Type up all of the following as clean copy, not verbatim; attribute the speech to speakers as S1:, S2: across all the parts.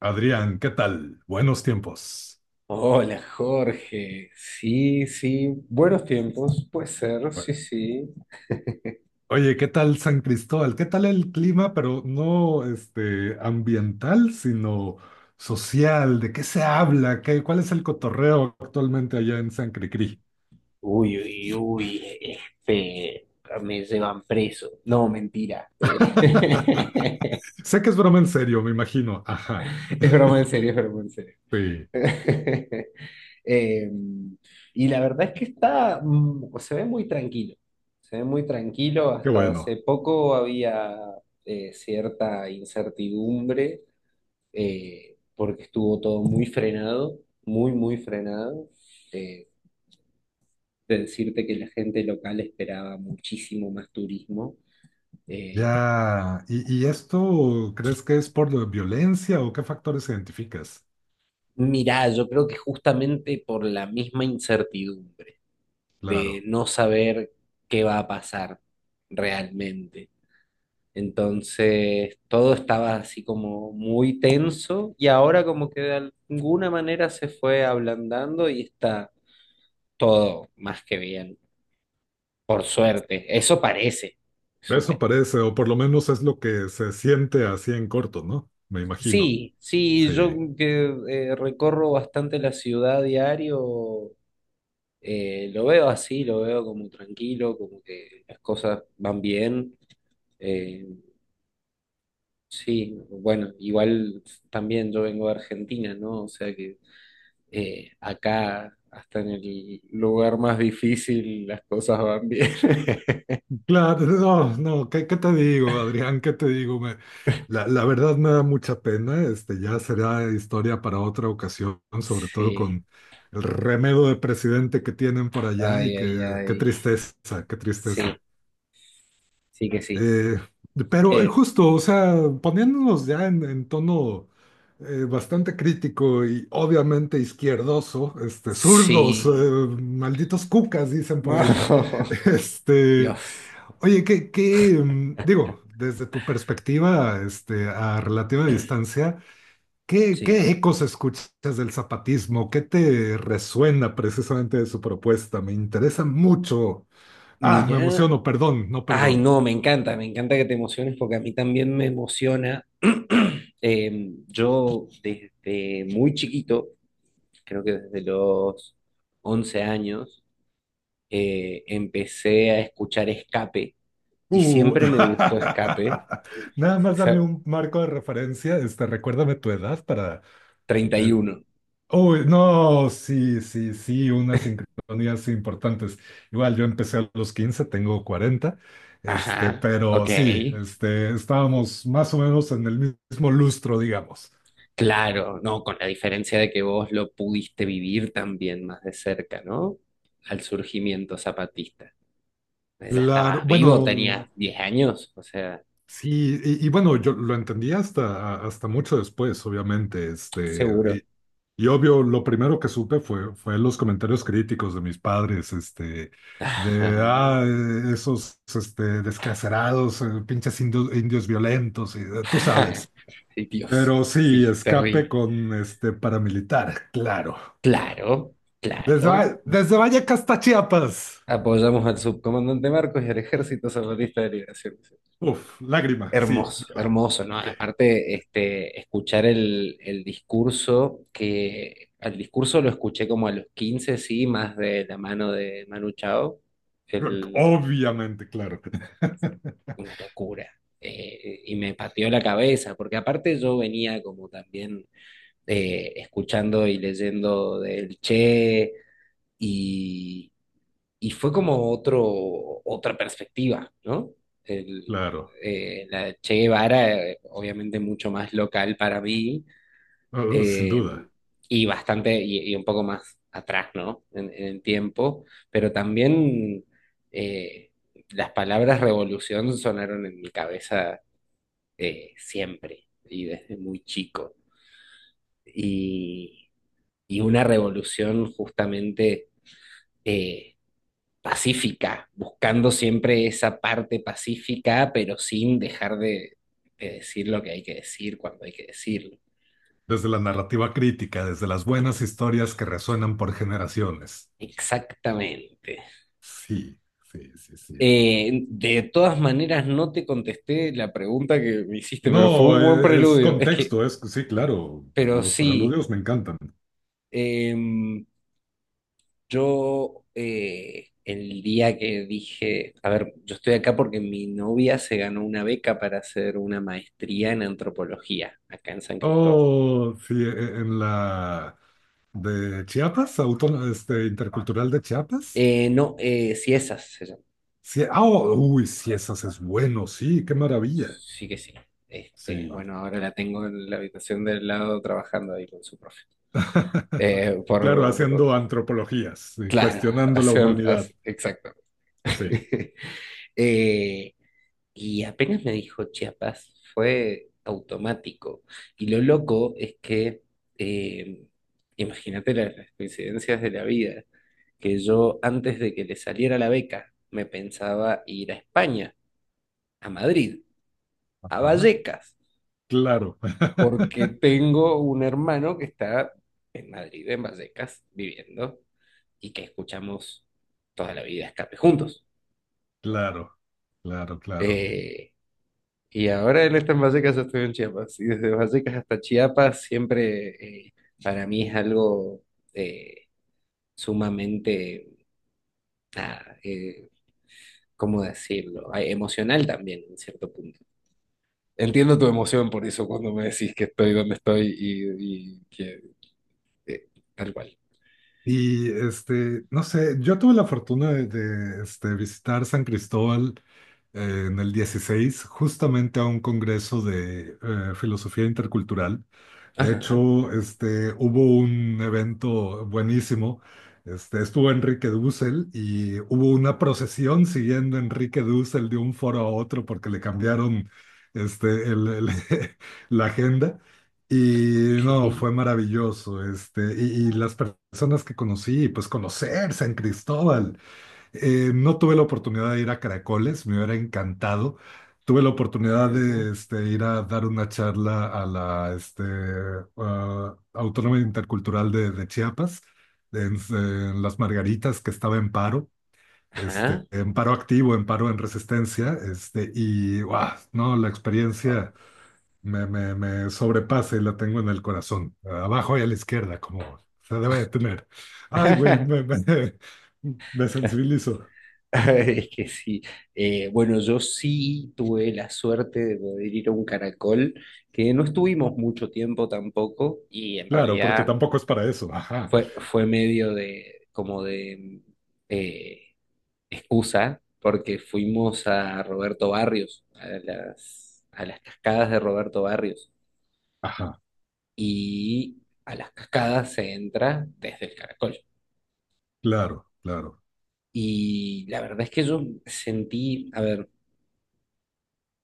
S1: Adrián, ¿qué tal? Buenos tiempos.
S2: Hola Jorge, sí, sí, buenos tiempos, puede ser, sí, sí.
S1: Oye, ¿qué tal San Cristóbal? ¿Qué tal el clima, pero no este ambiental, sino social? ¿De qué se habla? ¿Cuál es el cotorreo actualmente allá en San Cricri?
S2: Uy, uy, uy, este, me llevan preso. No, mentira.
S1: Sé que es broma en serio, me imagino. Ajá.
S2: Es broma en serio, es broma en serio.
S1: Sí,
S2: Eh, y la verdad es que está, se ve muy tranquilo, se ve muy tranquilo.
S1: qué
S2: Hasta hace
S1: bueno.
S2: poco había cierta incertidumbre porque estuvo todo muy frenado, muy, muy frenado. Eh, de decirte que la gente local esperaba muchísimo más turismo. Eh,
S1: Ya. ¿¿Y esto crees que es por la violencia o qué factores identificas?
S2: Mirá, yo creo que justamente por la misma incertidumbre de
S1: Claro.
S2: no saber qué va a pasar realmente. Entonces, todo estaba así como muy tenso y ahora como que de alguna manera se fue ablandando y está todo más que bien. Por suerte, eso parece. Eso
S1: Eso
S2: parece.
S1: parece, o por lo menos es lo que se siente así en corto, ¿no? Me imagino.
S2: Sí, sí, yo
S1: Sí.
S2: que recorro bastante la ciudad diario, lo veo así, lo veo como tranquilo, como que las cosas van bien. Eh, sí, bueno, igual también yo vengo de Argentina, ¿no? O sea que acá, hasta en el lugar más difícil, las cosas van bien.
S1: Claro, no, no, ¿qué te digo, Adrián? ¿Qué te digo? La verdad me da mucha pena, este, ya será historia para otra ocasión, sobre todo
S2: Sí,
S1: con el remedo de presidente que tienen por allá y
S2: ay, ay,
S1: que, qué
S2: ay.
S1: tristeza, qué
S2: Sí,
S1: tristeza.
S2: sí que sí.
S1: Eh, pero
S2: Eh,
S1: justo, o sea, poniéndonos ya en tono bastante crítico y obviamente izquierdoso, este, zurdos,
S2: sí.
S1: malditos cucas, dicen
S2: No.
S1: por ahí. Este,
S2: Dios,
S1: oye, digo, desde tu perspectiva, este, a relativa distancia,
S2: sí.
S1: ¿qué ecos escuchas del zapatismo? ¿Qué te resuena precisamente de su propuesta? Me interesa mucho. Ah, me
S2: Mira,
S1: emociono, perdón, no
S2: ay,
S1: perdón.
S2: no, me encanta que te emociones porque a mí también me emociona. Yo desde muy chiquito, creo que desde los 11 años, empecé a escuchar Escape y
S1: Uh,
S2: siempre me gustó Escape.
S1: nada más dame
S2: Esa-
S1: un marco de referencia, este, recuérdame tu edad para...
S2: treinta y
S1: eh,
S2: uno.
S1: no, sí, sí, sí, unas sincronías importantes. Igual yo empecé a los 15, tengo 40, este,
S2: Ajá, ok.
S1: pero sí, este, estábamos más o menos en el mismo lustro, digamos.
S2: Claro, no, con la diferencia de que vos lo pudiste vivir también más de cerca, ¿no? Al surgimiento zapatista. Pues, ya
S1: La,
S2: estabas vivo, tenías
S1: bueno,
S2: 10 años, o sea,
S1: sí, y bueno, yo lo entendí hasta mucho después, obviamente,
S2: seguro.
S1: este. Y obvio, lo primero que supe fue los comentarios críticos de mis padres, este, de,
S2: Ajá.
S1: ah, esos, este, descacerados, pinches indios violentos, y, tú sabes.
S2: Ay, Dios,
S1: Pero sí,
S2: sí,
S1: escape
S2: terrible.
S1: con, este, paramilitar, claro.
S2: Claro,
S1: Desde,
S2: claro.
S1: Desde Vallecas hasta Chiapas.
S2: Apoyamos al subcomandante Marcos y al Ejército Zapatista de Liberación.
S1: Uf, lágrima, sí,
S2: Hermoso,
S1: viva.
S2: hermoso, ¿no?
S1: Sí.
S2: Aparte, escuchar el discurso, que al discurso lo escuché como a los 15 sí, más de la mano de Manu Chao, el-
S1: Obviamente, claro,
S2: una locura. Y me partió la cabeza, porque aparte yo venía como también escuchando y leyendo del Che y fue como otro, otra perspectiva, ¿no? El,
S1: claro.
S2: la de Che Guevara, obviamente mucho más local para mí,
S1: Oh, sin
S2: eh,
S1: duda.
S2: y bastante, y un poco más atrás, ¿no? En el tiempo, pero también eh, las palabras revolución sonaron en mi cabeza siempre y desde muy chico. Y, y una revolución justamente... eh, pacífica, buscando siempre esa parte pacífica, pero sin dejar de decir lo que hay que decir cuando hay que decirlo.
S1: Desde la narrativa crítica, desde las buenas historias que resuenan por generaciones.
S2: Exactamente.
S1: Sí, sí, sí, sí.
S2: De todas maneras, no te contesté la pregunta que me hiciste,
S1: No,
S2: pero fue un buen
S1: es
S2: preludio. Es que,
S1: contexto, es sí, claro.
S2: pero
S1: Los
S2: sí,
S1: preludios me encantan.
S2: em, yo el día que dije, a ver, yo estoy acá porque mi novia se ganó una beca para hacer una maestría en antropología acá en San Cristóbal.
S1: Oh, sí, en la de Chiapas, Autónoma, este, Intercultural de Chiapas.
S2: No, Ciesas se llama.
S1: Sí, ah, oh, uy, sí, esas es bueno, sí, qué maravilla.
S2: Sí que sí. Este,
S1: Sí.
S2: bueno, ahora la tengo en la habitación del lado trabajando ahí con su profe. Eh,
S1: Claro,
S2: por,
S1: haciendo antropologías, sí,
S2: claro,
S1: cuestionando la humanidad.
S2: exacto.
S1: Sí.
S2: Eh, y apenas me dijo Chiapas, fue automático. Y lo loco es que, eh, imagínate las coincidencias de la vida, que yo antes de que le saliera la beca, me pensaba ir a España, a Madrid, a
S1: Ajá,
S2: Vallecas.
S1: claro.
S2: Porque tengo un hermano que está en Madrid, en Vallecas, viviendo y que escuchamos toda la vida Escape juntos.
S1: Claro, claro, claro.
S2: Eh, y ahora él está en Vallecas, yo estoy en Chiapas. Y desde Vallecas hasta Chiapas siempre para mí es algo eh, sumamente, nada, ¿cómo decirlo? Ah, emocional también, en cierto punto. Entiendo tu emoción por eso cuando me decís que estoy donde estoy y que eh, tal cual.
S1: Y este, no sé, yo tuve la fortuna este, visitar San Cristóbal en el 16 justamente a un congreso de filosofía intercultural. De
S2: Ajá.
S1: hecho, este, hubo un evento buenísimo. Este, estuvo Enrique Dussel y hubo una procesión siguiendo a Enrique Dussel de un foro a otro porque le cambiaron este, la agenda. Y no, fue maravilloso, este, y personas que conocí, pues conocer San Cristóbal. No tuve la oportunidad de ir a Caracoles, me hubiera encantado. Tuve la oportunidad
S2: Ajá.
S1: de este, ir a dar una charla a la este, ah, Autónoma Intercultural de Chiapas, en Las Margaritas, que estaba en paro, este,
S2: Ajá.
S1: en paro activo, en paro en resistencia, este, y wow, no, la
S2: Wow.
S1: experiencia me sobrepasa y la tengo en el corazón, abajo y a la izquierda, como se debe de tener. Ay, güey, me sensibilizo.
S2: Es que sí. Bueno, yo sí tuve la suerte de poder ir a un caracol, que no estuvimos mucho tiempo tampoco, y en
S1: Claro, porque
S2: realidad
S1: tampoco es para eso. Ajá,
S2: fue medio de, como de eh, excusa, porque fuimos a Roberto Barrios, a las cascadas de Roberto Barrios,
S1: ajá,
S2: y a las cascadas se entra desde el caracol.
S1: claro, claro.
S2: Y la verdad es que yo sentí, a ver,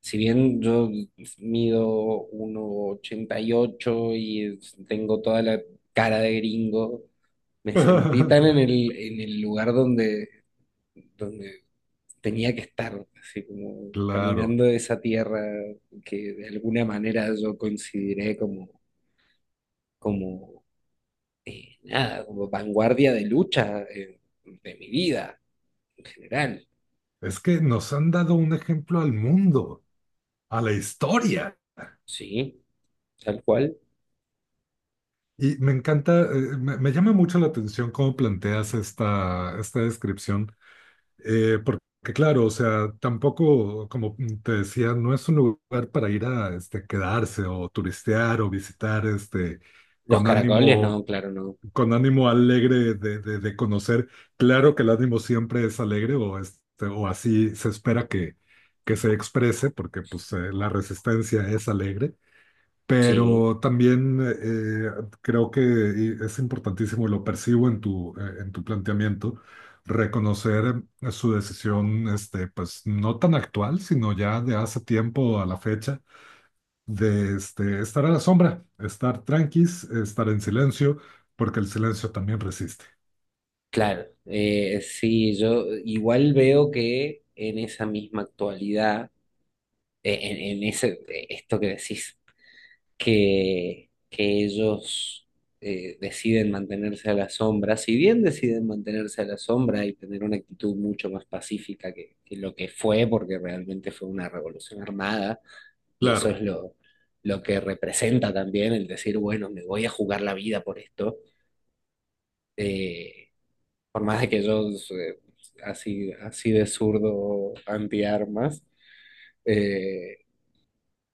S2: si bien yo mido 1,88 y ocho y tengo toda la cara de gringo, me sentí tan en el, en el lugar donde, donde tenía que estar, así como
S1: Claro,
S2: caminando esa tierra que de alguna manera yo consideré como, como nada, como vanguardia de lucha de mi vida en general,
S1: es que nos han dado un ejemplo al mundo, a la historia.
S2: ¿sí? Tal cual.
S1: Y me encanta, me llama mucho la atención cómo planteas esta descripción. Porque claro, o sea, tampoco, como te decía, no es un lugar para ir a este, quedarse o turistear o visitar este,
S2: Los
S1: con
S2: caracoles,
S1: ánimo,
S2: no, claro, no.
S1: con ánimo alegre de conocer. Claro que el ánimo siempre es alegre o, este, o así se espera que se exprese, porque pues la resistencia es alegre.
S2: Sí,
S1: Pero también creo que es importantísimo, y lo percibo en tu planteamiento, reconocer su decisión, este, pues no tan actual, sino ya de hace tiempo a la fecha, de este, estar a la sombra, estar tranquis, estar en silencio, porque el silencio también resiste.
S2: claro. Sí, yo igual veo que en esa misma actualidad, en ese, esto que decís, que ellos deciden mantenerse a la sombra, si bien deciden mantenerse a la sombra y tener una actitud mucho más pacífica que lo que fue, porque realmente fue una revolución armada, y eso es
S1: Claro,
S2: lo que representa también el decir, bueno, me voy a jugar la vida por esto. eh, Por más de que yo así, así de zurdo antiarmas, eh,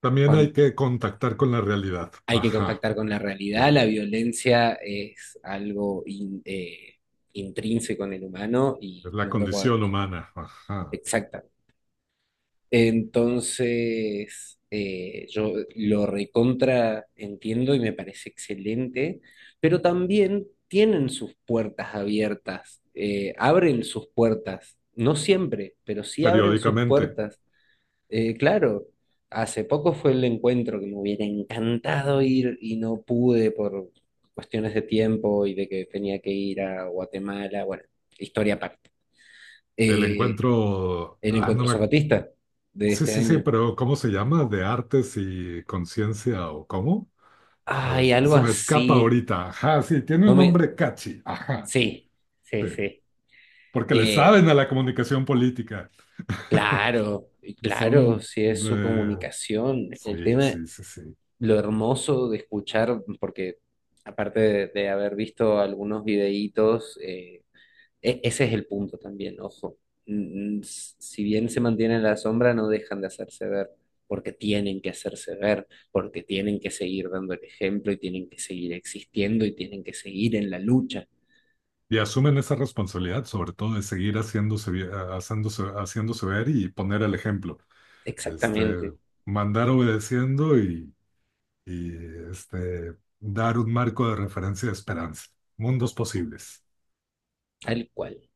S1: también hay
S2: cuan-
S1: que contactar con la realidad.
S2: hay que
S1: Ajá,
S2: contactar con la
S1: sí,
S2: realidad. La
S1: es
S2: violencia es algo intrínseco en el humano y
S1: la
S2: no lo
S1: condición
S2: podemos.
S1: humana. Ajá,
S2: Exacta. Entonces, yo lo recontra entiendo y me parece excelente, pero también tienen sus puertas abiertas, abren sus puertas. No siempre, pero sí abren sus
S1: periódicamente.
S2: puertas. Claro, hace poco fue el encuentro que me hubiera encantado ir y no pude por cuestiones de tiempo y de que tenía que ir a Guatemala, bueno, historia aparte.
S1: El
S2: Eh,
S1: encuentro,
S2: el
S1: ah, no
S2: encuentro
S1: me.
S2: zapatista de
S1: Sí,
S2: este
S1: sí, sí,
S2: año.
S1: pero ¿cómo se llama? ¿De artes y conciencia o cómo?
S2: Ay, algo
S1: Se me escapa
S2: así.
S1: ahorita. Ajá, sí, tiene
S2: No
S1: un
S2: me...
S1: nombre catchy. Ajá,
S2: Sí, sí,
S1: sí.
S2: sí.
S1: Porque le saben
S2: Eh,
S1: a la comunicación política.
S2: claro, y claro,
S1: Son
S2: si es su
S1: de...
S2: comunicación. El
S1: Sí,
S2: tema
S1: sí, sí, sí.
S2: lo hermoso de escuchar, porque aparte de haber visto algunos videítos, ese es el punto también, ojo. Si bien se mantienen en la sombra, no dejan de hacerse ver, porque tienen que hacerse ver, porque tienen que seguir dando el ejemplo y tienen que seguir existiendo y tienen que seguir en la lucha.
S1: Y asumen esa responsabilidad, sobre todo de seguir haciéndose ver y poner el ejemplo. Este,
S2: Exactamente,
S1: mandar obedeciendo y este, dar un marco de referencia de esperanza. Mundos posibles.
S2: tal cual.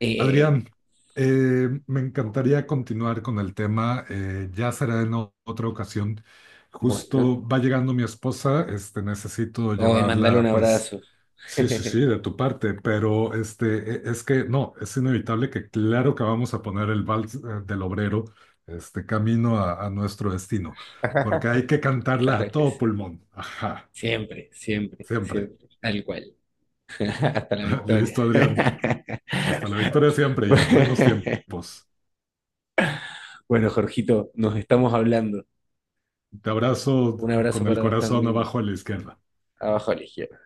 S2: Eh,
S1: Adrián, me encantaría continuar con el tema, ya será en otra ocasión.
S2: bueno,
S1: Justo va llegando mi esposa, este, necesito
S2: hoy mandale un
S1: llevarla, pues,
S2: abrazo.
S1: sí, sí, sí, de tu parte, pero este, es que no, es inevitable que claro que vamos a poner el vals del obrero, este, camino a nuestro destino, porque hay que cantarla
S2: Claro
S1: a
S2: que
S1: todo
S2: sí.
S1: pulmón, ajá,
S2: Siempre, siempre,
S1: siempre.
S2: siempre, tal cual. Hasta la victoria.
S1: Listo, Adrián, hasta la victoria siempre y buenos tiempos.
S2: Bueno, Jorgito, nos estamos hablando.
S1: Te abrazo
S2: Un abrazo
S1: con el
S2: para vos
S1: corazón
S2: también.
S1: abajo a la izquierda.
S2: Abajo a la izquierda.